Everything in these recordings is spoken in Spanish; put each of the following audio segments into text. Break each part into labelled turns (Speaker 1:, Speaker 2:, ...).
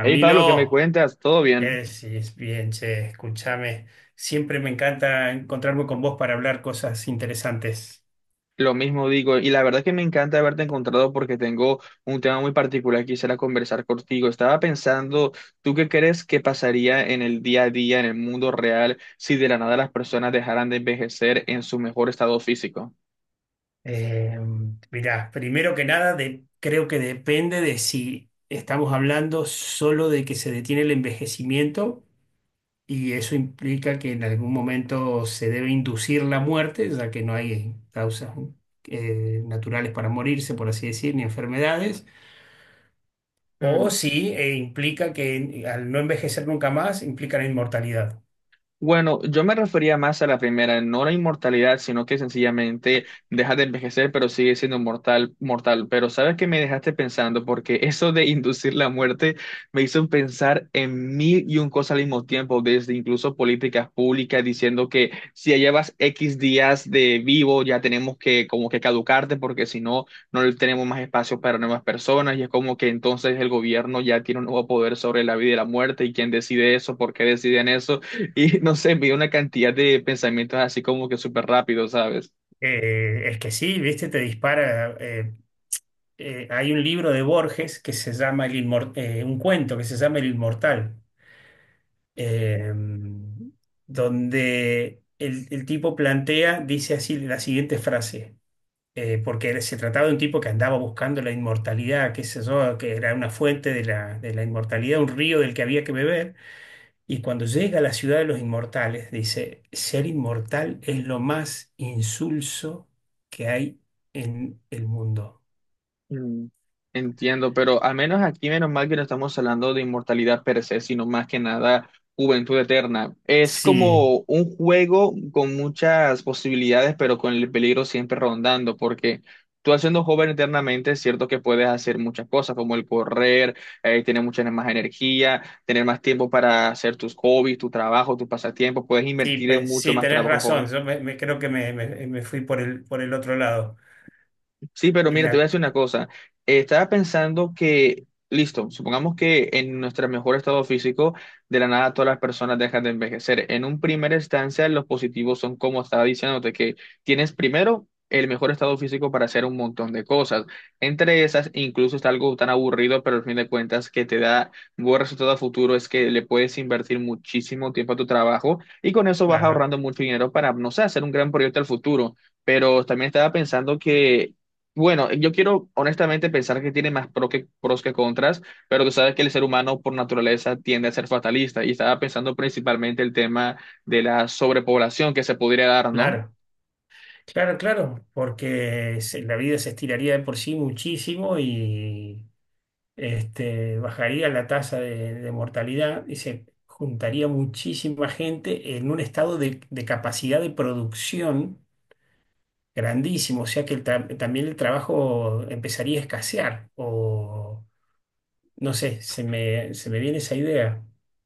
Speaker 1: Hey Pablo, ¿qué me cuentas? ¿Todo
Speaker 2: ¿qué
Speaker 1: bien?
Speaker 2: decís? Bien, che, escúchame. Siempre me encanta encontrarme con vos para hablar cosas interesantes.
Speaker 1: Lo mismo digo, y la verdad es que me encanta haberte encontrado porque tengo un tema muy particular que quisiera conversar contigo. Estaba pensando, ¿tú qué crees que pasaría en el día a día, en el mundo real, si de la nada las personas dejaran de envejecer en su mejor estado físico?
Speaker 2: Eh, Mirá, primero que nada, creo que depende de si estamos hablando solo de que se detiene el envejecimiento y eso implica que en algún momento se debe inducir la muerte, ya que no hay causas naturales para morirse, por así decir, ni enfermedades. O
Speaker 1: Mm,
Speaker 2: si implica que al no envejecer nunca más, implica la inmortalidad.
Speaker 1: bueno, yo me refería más a la primera, no la inmortalidad, sino que sencillamente deja de envejecer, pero sigue siendo mortal, mortal. Pero sabes que me dejaste pensando, porque eso de inducir la muerte me hizo pensar en mil y un cosas al mismo tiempo, desde incluso políticas públicas diciendo que si ya llevas X días de vivo, ya tenemos que como que caducarte, porque si no, no le tenemos más espacio para nuevas personas, y es como que entonces el gobierno ya tiene un nuevo poder sobre la vida y la muerte, y quién decide eso, por qué deciden eso. Y no sé, vi una cantidad de pensamientos así como que súper rápido, ¿sabes?
Speaker 2: Es que sí, viste, te dispara. Hay un libro de Borges que se llama un cuento que se llama El Inmortal, eh, donde el tipo plantea, dice así la siguiente frase. Porque se trataba de un tipo que andaba buscando la inmortalidad, qué sé yo, que era una fuente de la inmortalidad, un río del que había que beber. Y cuando llega a la ciudad de los inmortales, dice, ser inmortal es lo más insulso que hay en el mundo.
Speaker 1: Mm, entiendo, pero al menos aquí, menos mal que no estamos hablando de inmortalidad per se, sino más que nada juventud eterna. Es
Speaker 2: Sí,
Speaker 1: como un juego con muchas posibilidades, pero con el peligro siempre rondando, porque tú siendo joven eternamente, es cierto que puedes hacer muchas cosas, como el correr, tener mucha más energía, tener más tiempo para hacer tus hobbies, tu trabajo, tus pasatiempos, puedes
Speaker 2: sí,
Speaker 1: invertir en
Speaker 2: pues,
Speaker 1: mucho
Speaker 2: sí,
Speaker 1: más
Speaker 2: tenés razón.
Speaker 1: trabajo.
Speaker 2: Creo que me fui por el otro lado.
Speaker 1: Sí, pero mira, te voy a
Speaker 2: La-
Speaker 1: decir una cosa. Estaba pensando que, listo, supongamos que en nuestro mejor estado físico, de la nada todas las personas dejan de envejecer. En un primer instancia, los positivos son como estaba diciéndote, que tienes primero el mejor estado físico para hacer un montón de cosas. Entre esas, incluso está algo tan aburrido, pero al fin de cuentas que te da buen resultado a futuro, es que le puedes invertir muchísimo tiempo a tu trabajo y con eso vas
Speaker 2: claro,
Speaker 1: ahorrando mucho dinero para, no sé, hacer un gran proyecto al futuro. Pero también estaba pensando que bueno, yo quiero honestamente pensar que tiene más pros que contras, pero tú sabes que el ser humano por naturaleza tiende a ser fatalista y estaba pensando principalmente el tema de la sobrepoblación que se podría dar, ¿no?
Speaker 2: claro, claro, claro, porque la vida se estiraría de por sí muchísimo este, bajaría la tasa de mortalidad y se juntaría muchísima gente en un estado de capacidad de producción grandísimo, o sea que también el trabajo empezaría a escasear, o no sé, se me viene esa idea.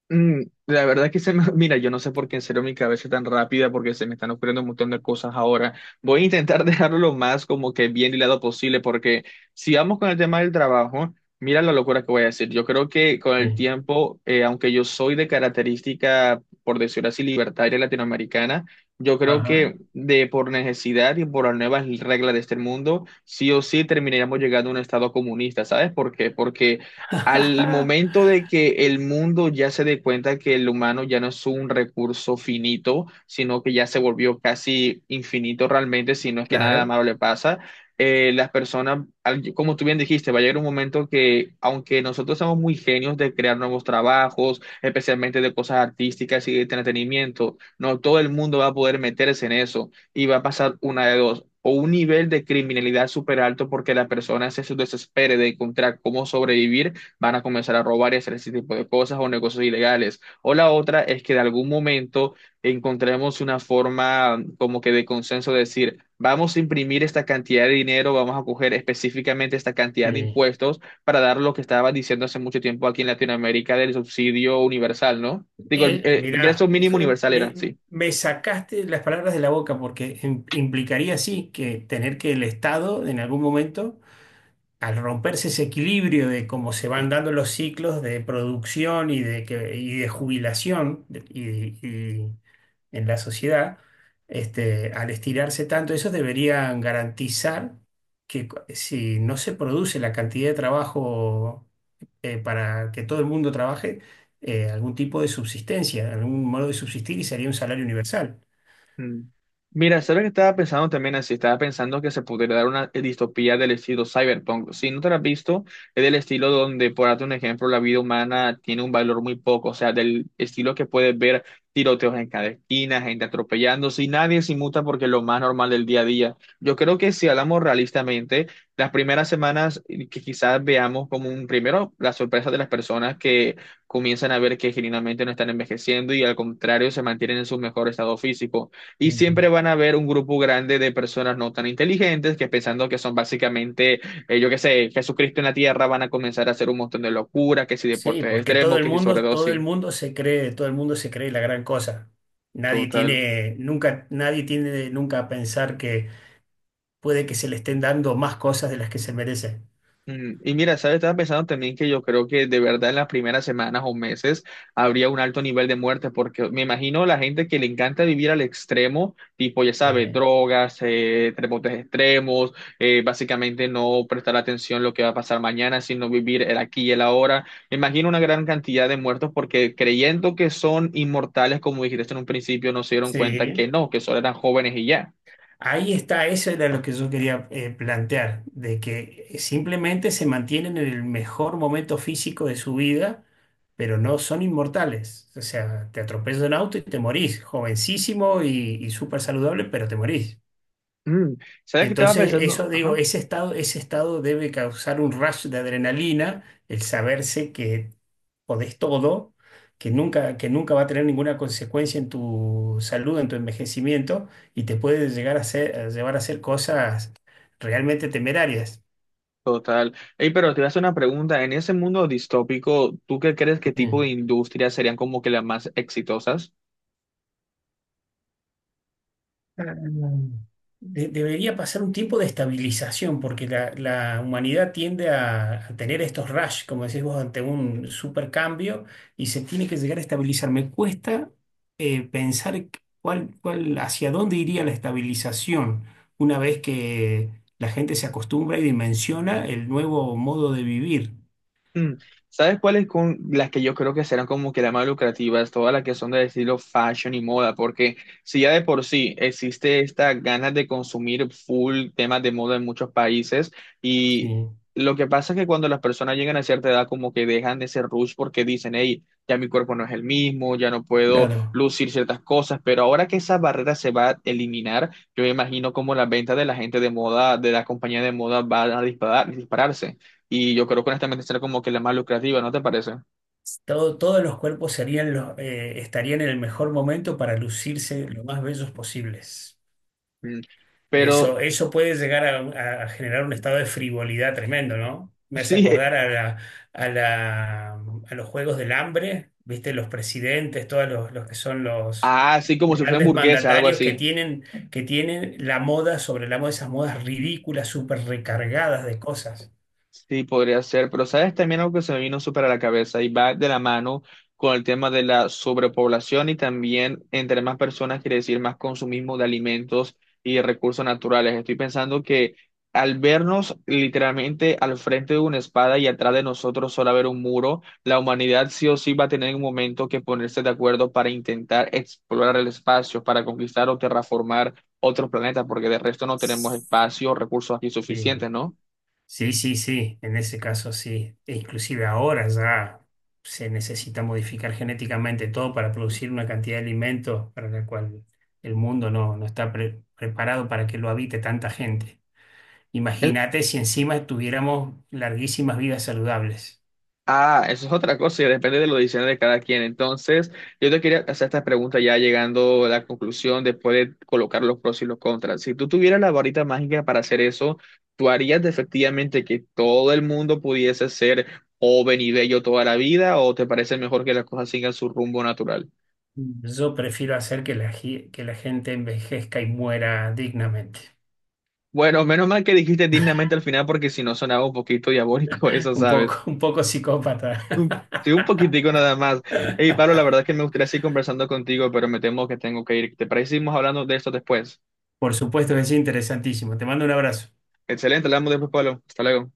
Speaker 1: Mm, la verdad que se me, mira, yo no sé por qué en serio mi cabeza es tan rápida, porque se me están ocurriendo un montón de cosas ahora. Voy a intentar dejarlo lo más como que bien hilado posible, porque si vamos con el tema del trabajo, mira la locura que voy a decir. Yo creo que con el
Speaker 2: Sí.
Speaker 1: tiempo, aunque yo soy de característica, por decirlo así, libertaria latinoamericana, yo creo
Speaker 2: Ajá.
Speaker 1: que de por necesidad y por las nuevas reglas de este mundo, sí o sí terminaríamos llegando a un estado comunista, ¿sabes por qué? Porque al momento de que el mundo ya se dé cuenta que el humano ya no es un recurso finito, sino que ya se volvió casi infinito realmente, si no es que nada
Speaker 2: Claro.
Speaker 1: malo le pasa, las personas, como tú bien dijiste, va a llegar un momento que, aunque nosotros somos muy genios de crear nuevos trabajos, especialmente de cosas artísticas y de entretenimiento, no todo el mundo va a poder meterse en eso y va a pasar una de dos: o un nivel de criminalidad súper alto porque la persona se desespere de encontrar cómo sobrevivir, van a comenzar a robar y hacer ese tipo de cosas o negocios ilegales. O la otra es que de algún momento encontremos una forma como que de consenso de decir, vamos a imprimir esta cantidad de dinero, vamos a coger específicamente esta cantidad de
Speaker 2: Sí.
Speaker 1: impuestos para dar lo que estaba diciendo hace mucho tiempo aquí en Latinoamérica del subsidio universal, ¿no? Digo, el, ingreso
Speaker 2: Mirá,
Speaker 1: mínimo
Speaker 2: hijo,
Speaker 1: universal era, sí.
Speaker 2: me sacaste las palabras de la boca porque implicaría sí que tener que el Estado en algún momento al romperse ese equilibrio de cómo se van dando los ciclos de producción y de jubilación y en la sociedad, este, al estirarse tanto, esos deberían garantizar que si no se produce la cantidad de trabajo para que todo el mundo trabaje, algún tipo de subsistencia, algún modo de subsistir y sería un salario universal.
Speaker 1: Mm. Mira, ¿sabes que estaba pensando también así? Estaba pensando que se podría dar una distopía del estilo cyberpunk. Si no te la has visto, es del estilo donde, por darte un ejemplo, la vida humana tiene un valor muy poco, o sea, del estilo que puedes ver tiroteos en cada esquina, gente atropellándose y nadie se inmuta porque es lo más normal del día a día. Yo creo que si hablamos realistamente, las primeras semanas que quizás veamos como un primero la sorpresa de las personas que comienzan a ver que genuinamente no están envejeciendo y al contrario se mantienen en su mejor estado físico. Y siempre van a haber un grupo grande de personas no tan inteligentes que pensando que son básicamente, yo qué sé, Jesucristo en la tierra, van a comenzar a hacer un montón de locuras, que si
Speaker 2: Sí,
Speaker 1: deportes
Speaker 2: porque
Speaker 1: extremos, que si
Speaker 2: todo el
Speaker 1: sobredosis.
Speaker 2: mundo se cree, todo el mundo se cree la gran cosa. Nadie
Speaker 1: Total.
Speaker 2: tiene, nunca, nadie tiene nunca a pensar que puede que se le estén dando más cosas de las que se merecen.
Speaker 1: Mm, y mira, ¿sabes? Estaba pensando también que yo creo que de verdad en las primeras semanas o meses habría un alto nivel de muerte, porque me imagino la gente que le encanta vivir al extremo, tipo, ya sabes,
Speaker 2: Eh,
Speaker 1: drogas, deportes extremos, básicamente no prestar atención a lo que va a pasar mañana, sino vivir el aquí y el ahora. Me imagino una gran cantidad de muertos porque creyendo que son inmortales, como dijiste en un principio, no se dieron cuenta que
Speaker 2: Sí.
Speaker 1: no, que solo eran jóvenes y ya.
Speaker 2: Ahí está, eso era lo que yo quería plantear, de que simplemente se mantienen en el mejor momento físico de su vida, pero no son inmortales. O sea, te atropella un auto y te morís, jovencísimo y súper saludable, pero te morís.
Speaker 1: Mm, ¿sabes qué estaba
Speaker 2: Entonces,
Speaker 1: pensando?
Speaker 2: eso digo,
Speaker 1: Ajá.
Speaker 2: ese estado debe causar un rush de adrenalina, el saberse que podés todo, que nunca va a tener ninguna consecuencia en tu salud, en tu envejecimiento, y te puede llegar a hacer, a llevar a hacer cosas realmente temerarias.
Speaker 1: Total. Ey, pero te voy a hacer una pregunta. En ese mundo distópico, ¿tú qué crees que
Speaker 2: Sí.
Speaker 1: tipo de industrias serían como que las más exitosas?
Speaker 2: Ah, debería pasar un tiempo de estabilización, porque la humanidad tiende a tener estos rush, como decís vos, ante un supercambio y se tiene que llegar a estabilizar. Me cuesta pensar hacia dónde iría la estabilización una vez que la gente se acostumbra y dimensiona el nuevo modo de vivir.
Speaker 1: Mm, ¿sabes cuáles con las que yo creo que serán como que las más lucrativas? Todas las que son del estilo fashion y moda, porque si ya de por sí existe esta ganas de consumir full temas de moda en muchos países y
Speaker 2: Sí,
Speaker 1: lo que pasa es que cuando las personas llegan a cierta edad como que dejan ese rush porque dicen, hey, ya mi cuerpo no es el mismo, ya no puedo
Speaker 2: claro.
Speaker 1: lucir ciertas cosas, pero ahora que esa barrera se va a eliminar, yo me imagino como la venta de la gente de moda, de la compañía de moda va a disparar, dispararse. Y yo creo que honestamente será como que la más lucrativa, ¿no te parece?
Speaker 2: Todos los cuerpos serían los, estarían en el mejor momento para lucirse lo más bellos posibles.
Speaker 1: Mm. Pero
Speaker 2: Eso puede llegar a generar un estado de frivolidad tremendo, ¿no? Me hace
Speaker 1: sí,
Speaker 2: acordar a a la- a los Juegos del Hambre, ¿viste? Los presidentes, todos los que son los
Speaker 1: ah, sí, como si fuera
Speaker 2: grandes
Speaker 1: hamburguesa, algo
Speaker 2: mandatarios
Speaker 1: así.
Speaker 2: que tienen la moda sobre la moda, esas modas ridículas, súper recargadas de cosas.
Speaker 1: Sí, podría ser, pero sabes también algo que se me vino súper a la cabeza y va de la mano con el tema de la sobrepoblación y también entre más personas quiere decir más consumismo de alimentos y de recursos naturales. Estoy pensando que al vernos literalmente al frente de una espada y atrás de nosotros solo haber un muro, la humanidad sí o sí va a tener un momento que ponerse de acuerdo para intentar explorar el espacio, para conquistar o terraformar otros planetas, porque de resto no tenemos espacio o recursos aquí
Speaker 2: Sí.
Speaker 1: suficientes, ¿no?
Speaker 2: Sí, sí, sí, en ese caso sí. E inclusive ahora ya se necesita modificar genéticamente todo para producir una cantidad de alimentos para la cual el mundo no, no está preparado para que lo habite tanta gente. Imagínate si encima tuviéramos larguísimas vidas saludables.
Speaker 1: Ah, eso es otra cosa y depende de los diseños de cada quien. Entonces, yo te quería hacer esta pregunta ya llegando a la conclusión después de colocar los pros y los contras. Si tú tuvieras la varita mágica para hacer eso, ¿tú harías efectivamente que todo el mundo pudiese ser joven y bello toda la vida o te parece mejor que las cosas sigan su rumbo natural?
Speaker 2: Yo prefiero hacer que que la gente envejezca y muera dignamente.
Speaker 1: Bueno, menos mal que dijiste dignamente al final porque si no sonaba un poquito diabólico eso, ¿sabes?
Speaker 2: Un poco psicópata.
Speaker 1: Un- Sí, un poquitico nada más. Hey, Pablo, la verdad es que me gustaría seguir conversando contigo, pero me temo que tengo que ir. ¿Te parece que seguimos hablando de esto después?
Speaker 2: Por supuesto que es interesantísimo. Te mando un abrazo.
Speaker 1: Excelente, hablamos después, Pablo. Hasta luego.